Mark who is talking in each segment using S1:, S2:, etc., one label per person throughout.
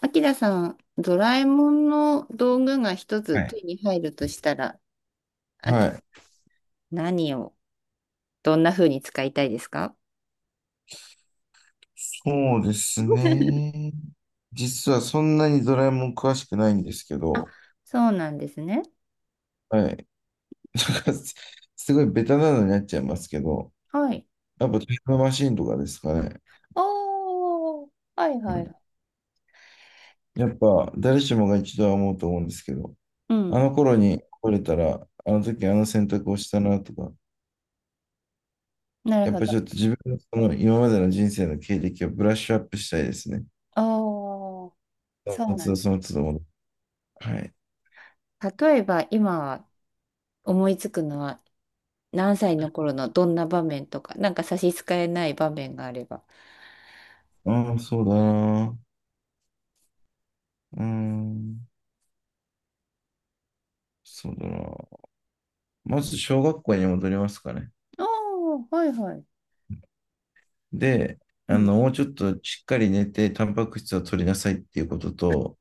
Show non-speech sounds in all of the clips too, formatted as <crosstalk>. S1: あきらさん、ドラえもんの道具が一
S2: は
S1: つ
S2: い。
S1: 手に入るとしたら、あ
S2: は
S1: き、
S2: い。
S1: 何を、どんな風に使いたいですか？
S2: そうですね。実はそんなにドラえもん詳しくないんですけ
S1: あ、
S2: ど、
S1: そうなんですね。
S2: はい。<laughs> なんかすごいベタなのになっちゃいますけど、
S1: はい。
S2: やっぱタイムマシーンとかですかね。
S1: おー、はい
S2: う
S1: はい。
S2: ん、やっぱ誰しもが一度は思うと思うんですけど、
S1: う
S2: あ
S1: ん。
S2: の頃に来れたら、あの時あの選択をしたなとか、
S1: なる
S2: やっ
S1: ほ
S2: ぱち
S1: ど。
S2: ょっと自分のその今までの人生の経歴をブラッシュアップしたいですね。
S1: おー、
S2: そ
S1: そう
S2: の
S1: な
S2: 都度
S1: ん
S2: その都度戻って。はい。
S1: だ。例えば、今思いつくのは、何歳の頃のどんな場面とか、なんか差し支えない場面があれば。
S2: ああ、そうだな。うーん、そうだな。まず小学校に戻りますかね。
S1: おー、はいはい。
S2: で、
S1: うん、
S2: もうちょっとしっかり寝て、タンパク質を取りなさいっていうことと、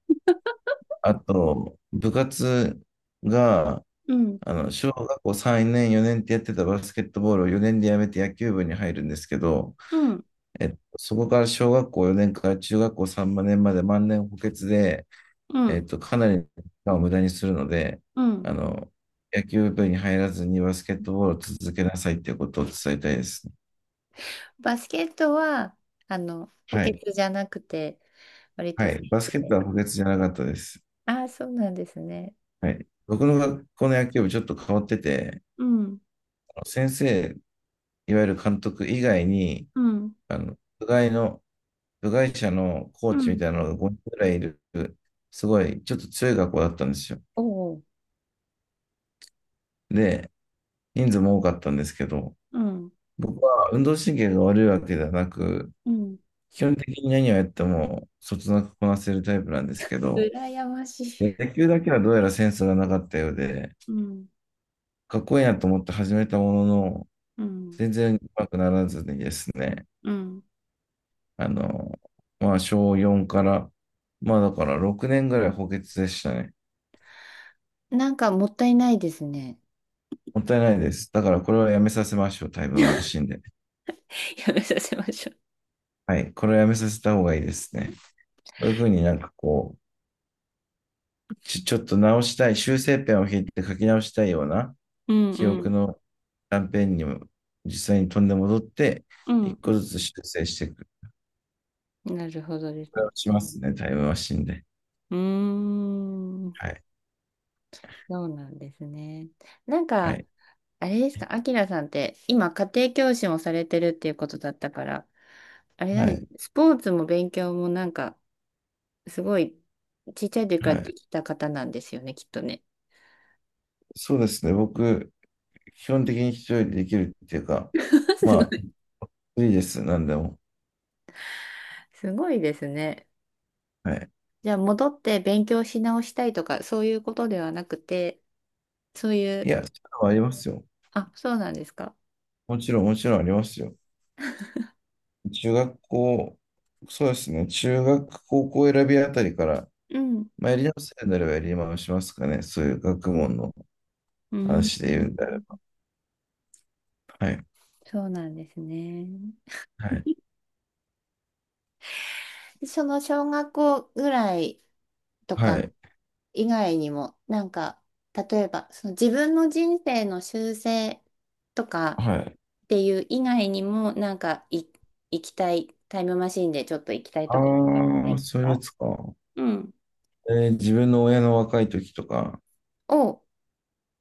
S2: あと、部活が、
S1: うん、
S2: 小学校3年、4年ってやってたバスケットボールを4年でやめて野球部に入るんですけど、
S1: うん、
S2: そこから小学校4年から中学校3年まで万年補欠で、
S1: うん、
S2: かなり時間を無駄にするので、
S1: うん。
S2: あの、野球部に入らずにバスケットボールを続けなさいっていうことを伝えたいですね。
S1: バスケットは、補
S2: は
S1: 欠
S2: い。
S1: じゃなくて、割と
S2: は
S1: 選
S2: い。バス
S1: 手
S2: ケット
S1: で。
S2: は補欠じゃなかったです。
S1: ああ、そうなんですね。
S2: はい。僕の学校の野球部ちょっと変わってて、
S1: うん、
S2: 先生、いわゆる監督以外に、
S1: うん、
S2: あの、部外の、部外者のコー
S1: う
S2: チみ
S1: ん、
S2: たいなのが5人ぐらいいる、すごい、ちょっと強い学校だったんですよ。
S1: おお、
S2: で、人数も多かったんですけど、
S1: うん、
S2: 僕は運動神経が悪いわけではなく、
S1: うん、
S2: 基本的に何をやっても、そつなくこなせるタイプなんですけど、
S1: 羨ましい。
S2: 野球だけはどうやらセンスがなかったようで、
S1: うん、
S2: かっこいいなと思って始めたものの、
S1: うん、
S2: 全然うまくならずにですね、
S1: うん、
S2: あの、まあ、小4から、まあ、だから6年ぐらい補欠でしたね。
S1: なんかもったいないですね。
S2: もったいないです。だからこれはやめさせましょう、タイムマシンで。
S1: <laughs> やめさせましょ
S2: はい、これはやめさせた方がいいですね。こういうふうになんかこう、ちょっと直したい、修正ペンを引いて書き直したいような
S1: う。うん、
S2: 記
S1: う
S2: 憶
S1: ん、
S2: の断片にも実際に飛んで戻って、
S1: う
S2: 一
S1: ん。
S2: 個ずつ修正していく。
S1: なるほどです
S2: これ
S1: ね。
S2: をしますね、タイムマシンで。
S1: うーん、
S2: はい、
S1: そうなんですね。なん
S2: は
S1: か、
S2: い、
S1: あれですか、アキラさんって今家庭教師もされてるっていうことだったから、あれな
S2: は
S1: んです、
S2: い、
S1: スポーツも勉強もなんかすごいちっちゃい時か
S2: は
S1: ら
S2: い。
S1: できた方なんですよね、きっとね。
S2: そうですね、僕、基本的に一人でできるっていうか、
S1: <laughs> すご
S2: ま
S1: い、
S2: あ、いいです、なんでも。
S1: すごいですね。
S2: はい。
S1: じゃあ戻って勉強し直したいとかそういうことではなくて、そうい
S2: い
S1: う、
S2: や、そういうのはありますよ。
S1: あ、そうなんですか。
S2: もちろん、もちろんありますよ。中学校、そうですね、中学、高校選びあたりから、
S1: うん。
S2: まあ、やり直せるならばやり直しますかね、そういう学問の
S1: うん。
S2: 話で言うんであれば。はい。
S1: そうなんですね。
S2: はい。
S1: その小学校ぐらいとか
S2: はい。
S1: 以外にも、なんか、例えば、その自分の人生の修正とか
S2: はい。
S1: っていう以外にも、なんかい、行きたい、タイムマシンでちょっと行きたいとことかはな
S2: ああ、
S1: いです
S2: そういうや
S1: か？
S2: つか。
S1: うん。
S2: 自分の親の若い時とか、
S1: お、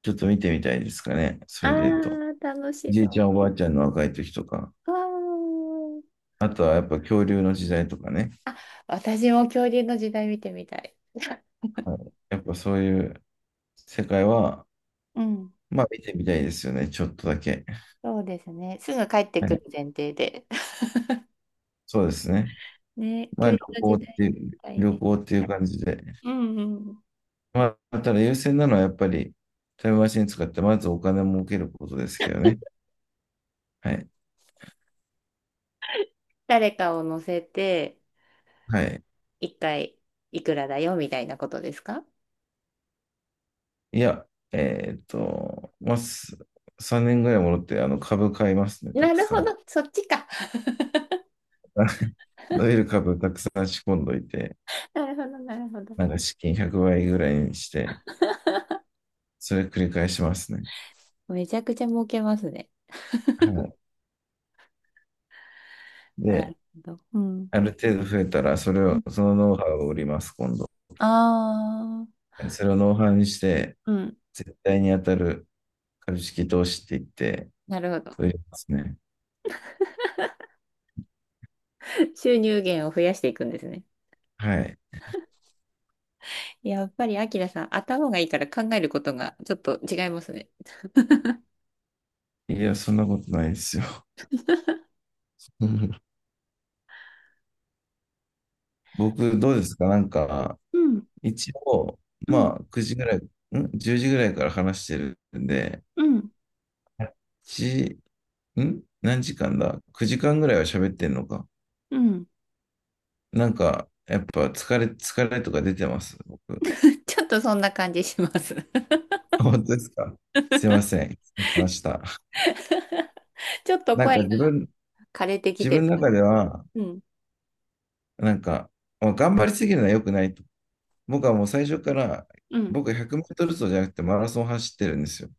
S2: ちょっと見てみたいですかね、
S1: あ
S2: それで言うと。
S1: ー、楽し
S2: じいちゃ
S1: そ
S2: ん、おばあちゃんの若い時とか。
S1: う。わー
S2: あとはやっぱ恐竜の時代とかね。
S1: あ、私も恐竜の時代見てみたい。
S2: はい。やっぱそういう世界は、
S1: うん。
S2: まあ見てみたいですよね。ちょっとだけ。
S1: そうですね。すぐ帰って
S2: は
S1: く
S2: い。
S1: る前提で。<laughs>
S2: そうですね。
S1: ね、
S2: ま
S1: 恐
S2: あ
S1: 竜の時代大
S2: 旅
S1: 変。
S2: 行っていう感じで。
S1: うんうん。
S2: まあ、ただ優先なのはやっぱりタイムマシン使ってまずお金を儲けることですけどね。はい。
S1: 誰かを乗せて、
S2: はい。
S1: 一回いくらだよみたいなことですか？
S2: いや、まあ、3年ぐらい戻ってあの株買いますね、た
S1: な
S2: く
S1: る
S2: さ
S1: ほ
S2: ん。
S1: ど、そっちか。<laughs>
S2: <laughs> 伸びる株たくさん仕込んどいて、
S1: なるほど、なるほど。
S2: なんか資金100倍ぐらいにして、それ繰り返しますね。
S1: めちゃくちゃ儲けますね。
S2: はい。
S1: な
S2: で、
S1: るほど。うん。
S2: ある程度増えたら、それを、そのノウハウを売ります、今度。
S1: ああ、
S2: それをノウハウにして、
S1: うん。
S2: 絶対に当たる株式投資って言って、
S1: なるほど。
S2: そう言いますね。
S1: <laughs> 収入源を増やしていくんですね。
S2: はい。
S1: やっぱり、アキラさん、頭がいいから考えることがちょっと違いますね。
S2: いや、そんなことないですよ。<laughs> 僕、どうですかなんか、
S1: うん、
S2: 一応、
S1: うん、
S2: まあ、9時ぐらい、ん？ 10 時ぐらいから話してるんで、
S1: うん、
S2: 1、ん何時間だ？ 9 時間ぐらいは喋ってんのか。
S1: うん。
S2: なんか、やっぱ疲れとか出てます、僕。
S1: <laughs> ちょっとそんな感じします。<laughs>
S2: 本当ですか？すいません。失礼しました。
S1: ちょっと
S2: なん
S1: 声が
S2: か
S1: 枯れてき
S2: 自
S1: てる。
S2: 分の中では、
S1: うん、
S2: なんか、まあ、頑張りすぎるのは良くないと。僕はもう最初から、
S1: うん。
S2: 僕100メートル走じゃなくてマラソン走ってるんですよ。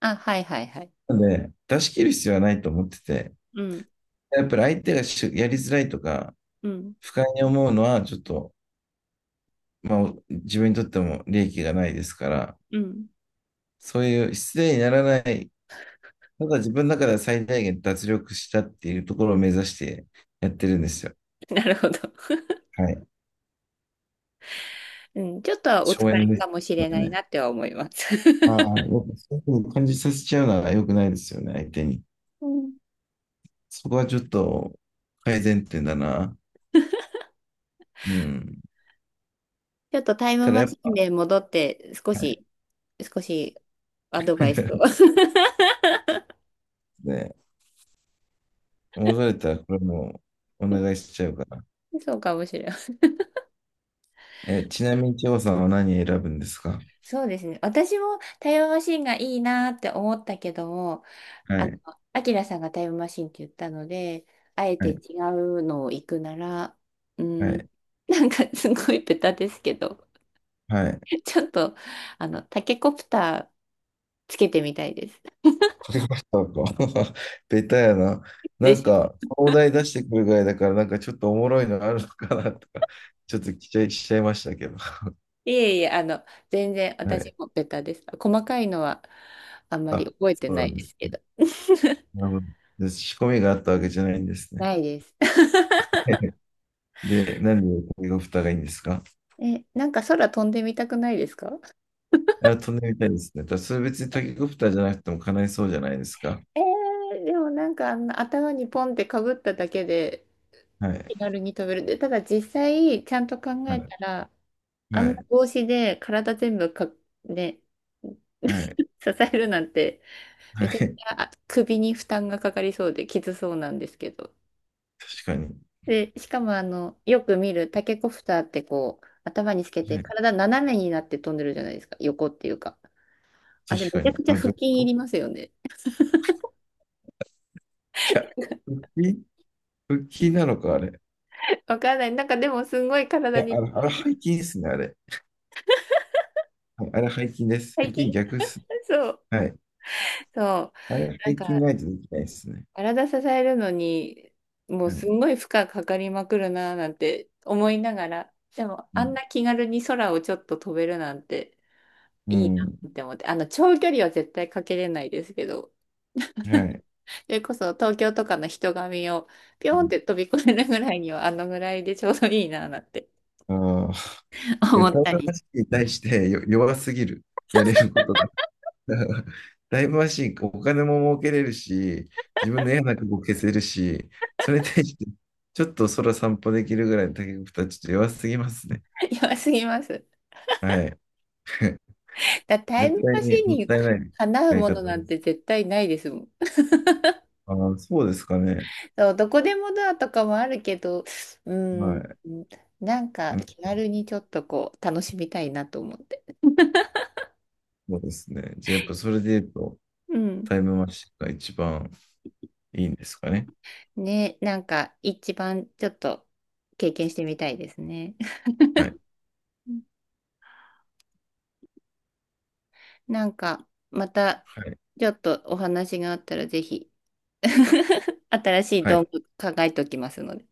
S1: あ、はいはいはい。
S2: なので、出し切る必要はないと思ってて、
S1: うん、
S2: やっぱり相手がしやりづらいとか、
S1: うん、
S2: 不快に思うのは、ちょっと、まあ、自分にとっても利益がないですから、
S1: うん。
S2: そういう失礼にならない、ただ自分の中では最大限脱力したっていうところを目指してやってるんですよ。
S1: <laughs> なるほど。<laughs>
S2: はい。
S1: うん、ちょっとはお疲
S2: 省エネ
S1: れ
S2: で
S1: か
S2: す。
S1: もし
S2: こ
S1: れない
S2: ね。
S1: なっては思います。
S2: ああ、や
S1: <laughs>
S2: っぱそういうふうに感じさせちゃうのは良くないですよね、相手に。
S1: うん。
S2: そこはちょっと改善点だな。うん。
S1: ちょっとタイム
S2: ただ
S1: マ
S2: やっ
S1: シン
S2: ぱ、
S1: で戻って、少しアドバイスを。
S2: <laughs>
S1: <laughs>
S2: ね、戻れたらこれもお願いしちゃうから。
S1: そうかもしれない。
S2: え、ちなみに、千穂さんは何選ぶんですか？
S1: そうですね。私もタイムマシンがいいなって思ったけども、
S2: は
S1: あの、
S2: い、
S1: アキラさんがタイムマシンって言ったので、あえ
S2: は
S1: て違
S2: い、
S1: うのを行くなら、う
S2: は
S1: ん、
S2: い、
S1: <laughs> なんかすごいベタですけど、
S2: はい。
S1: ちょっと、タケコプターつけてみたいです。
S2: かけましたか？<laughs> ベタやな。
S1: <laughs> で
S2: なん
S1: しょ？
S2: か、お題出してくるぐらいだから、なんかちょっとおもろいのあるのかなとか、ちょっと期待しちゃいましたけど。
S1: いえいえ、全然
S2: は
S1: 私
S2: い。
S1: もベタです。細かいのはあんまり
S2: あ、
S1: 覚え
S2: そ
S1: て
S2: う
S1: な
S2: な
S1: い
S2: んで
S1: で
S2: す。
S1: すけど。
S2: なるほど、仕込みがあったわけじゃないんですね。
S1: ないです。<laughs>
S2: <laughs> で、なんでタケコプターがいいんですか？
S1: え、なんか空飛んでみたくないですか？
S2: あ、飛んでみたいですね。ただそれ別にタケコプターじゃなくても叶いそうじゃないですか。
S1: えでもなんかあの頭にポンってかぶっただけで
S2: はい。
S1: 気軽に飛べる。で、ただ実際ちゃんと考
S2: は
S1: え
S2: い。
S1: たら、あ
S2: は
S1: んな
S2: い。
S1: 帽子で体全部か、ね、
S2: は
S1: <laughs>
S2: い。
S1: 支えるなんて
S2: は
S1: めちゃくち
S2: い。
S1: ゃあ首に負担がかかりそうできつそうなんですけど。
S2: 確かに。
S1: で、しかもよく見るタケコプターってこう、頭につけて
S2: はい。
S1: 体斜めになって飛んでるじゃないですか。横っていうか。あれ
S2: 確
S1: め
S2: か
S1: ちゃ
S2: に。
S1: くちゃ
S2: あ、ど
S1: 腹
S2: ういうこ
S1: 筋い
S2: と？
S1: りますよね。
S2: いや、腹筋、腹筋なのか、あれ。
S1: <laughs> わからない。なんかでもすごい
S2: い
S1: 体
S2: や、あ
S1: に、
S2: れ、あれ背筋ですね、あれ。はい、あれ背筋です。
S1: 最
S2: 腹
S1: 近
S2: 筋逆っす。
S1: そう。
S2: はい。
S1: そ
S2: あれ
S1: う。なん
S2: 背筋
S1: か
S2: ないとできないですね。
S1: 体支えるのに、もう
S2: は
S1: す
S2: い。
S1: んごい負荷かかりまくるなーなんて思いながら、でも
S2: う
S1: あん
S2: ん。
S1: な気軽に空をちょっと飛べるなんて
S2: う
S1: いいな
S2: ん。
S1: って思って、あの長距離は絶対かけれないですけど、
S2: はい。
S1: それこそ東京とかの人混みをピ
S2: う
S1: ョンっ
S2: ん。
S1: て飛び越えるぐらいにはあのぐらいでちょうどいいななんて
S2: ああ。
S1: <laughs>
S2: いや、
S1: 思
S2: タ
S1: っ
S2: イム
S1: た
S2: マ
S1: り。
S2: シーンに対してよ弱すぎる。やれることだから。<laughs> タイムマシーン、お金も儲けれるし、自分の嫌な過去を消せるし、それに対して、ちょっと空散歩できるぐらいの竹子たちちょっと弱すぎますね。
S1: <laughs> 弱すぎます。
S2: はい。<laughs>
S1: だタイ
S2: 絶
S1: ム
S2: 対
S1: マ
S2: に
S1: シン
S2: もっ
S1: に
S2: たいない
S1: かなう
S2: 使い
S1: もの
S2: 方
S1: な
S2: で
S1: ん
S2: す。
S1: て絶対ないですもん。
S2: ああ、そうですかね。
S1: そう、どこでもドアとかもあるけど、う
S2: は
S1: ーん、
S2: い。
S1: なんか
S2: うん、
S1: 気軽にちょっとこう楽しみたいなと思って。
S2: そうですね。じゃあ、やっぱそれで言うと、
S1: うん。
S2: タイムマシンが一番いいんですかね。
S1: ね、なんか一番ちょっと経験してみたいですね。
S2: はい。
S1: うん。なんかまた
S2: はい。
S1: ちょっとお話があったらぜひ。<laughs> 新しい
S2: は
S1: 道
S2: い。
S1: 具考えておきますので。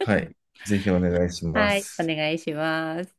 S2: はい。ぜひお願いしま
S1: はい、お
S2: す。
S1: 願いします。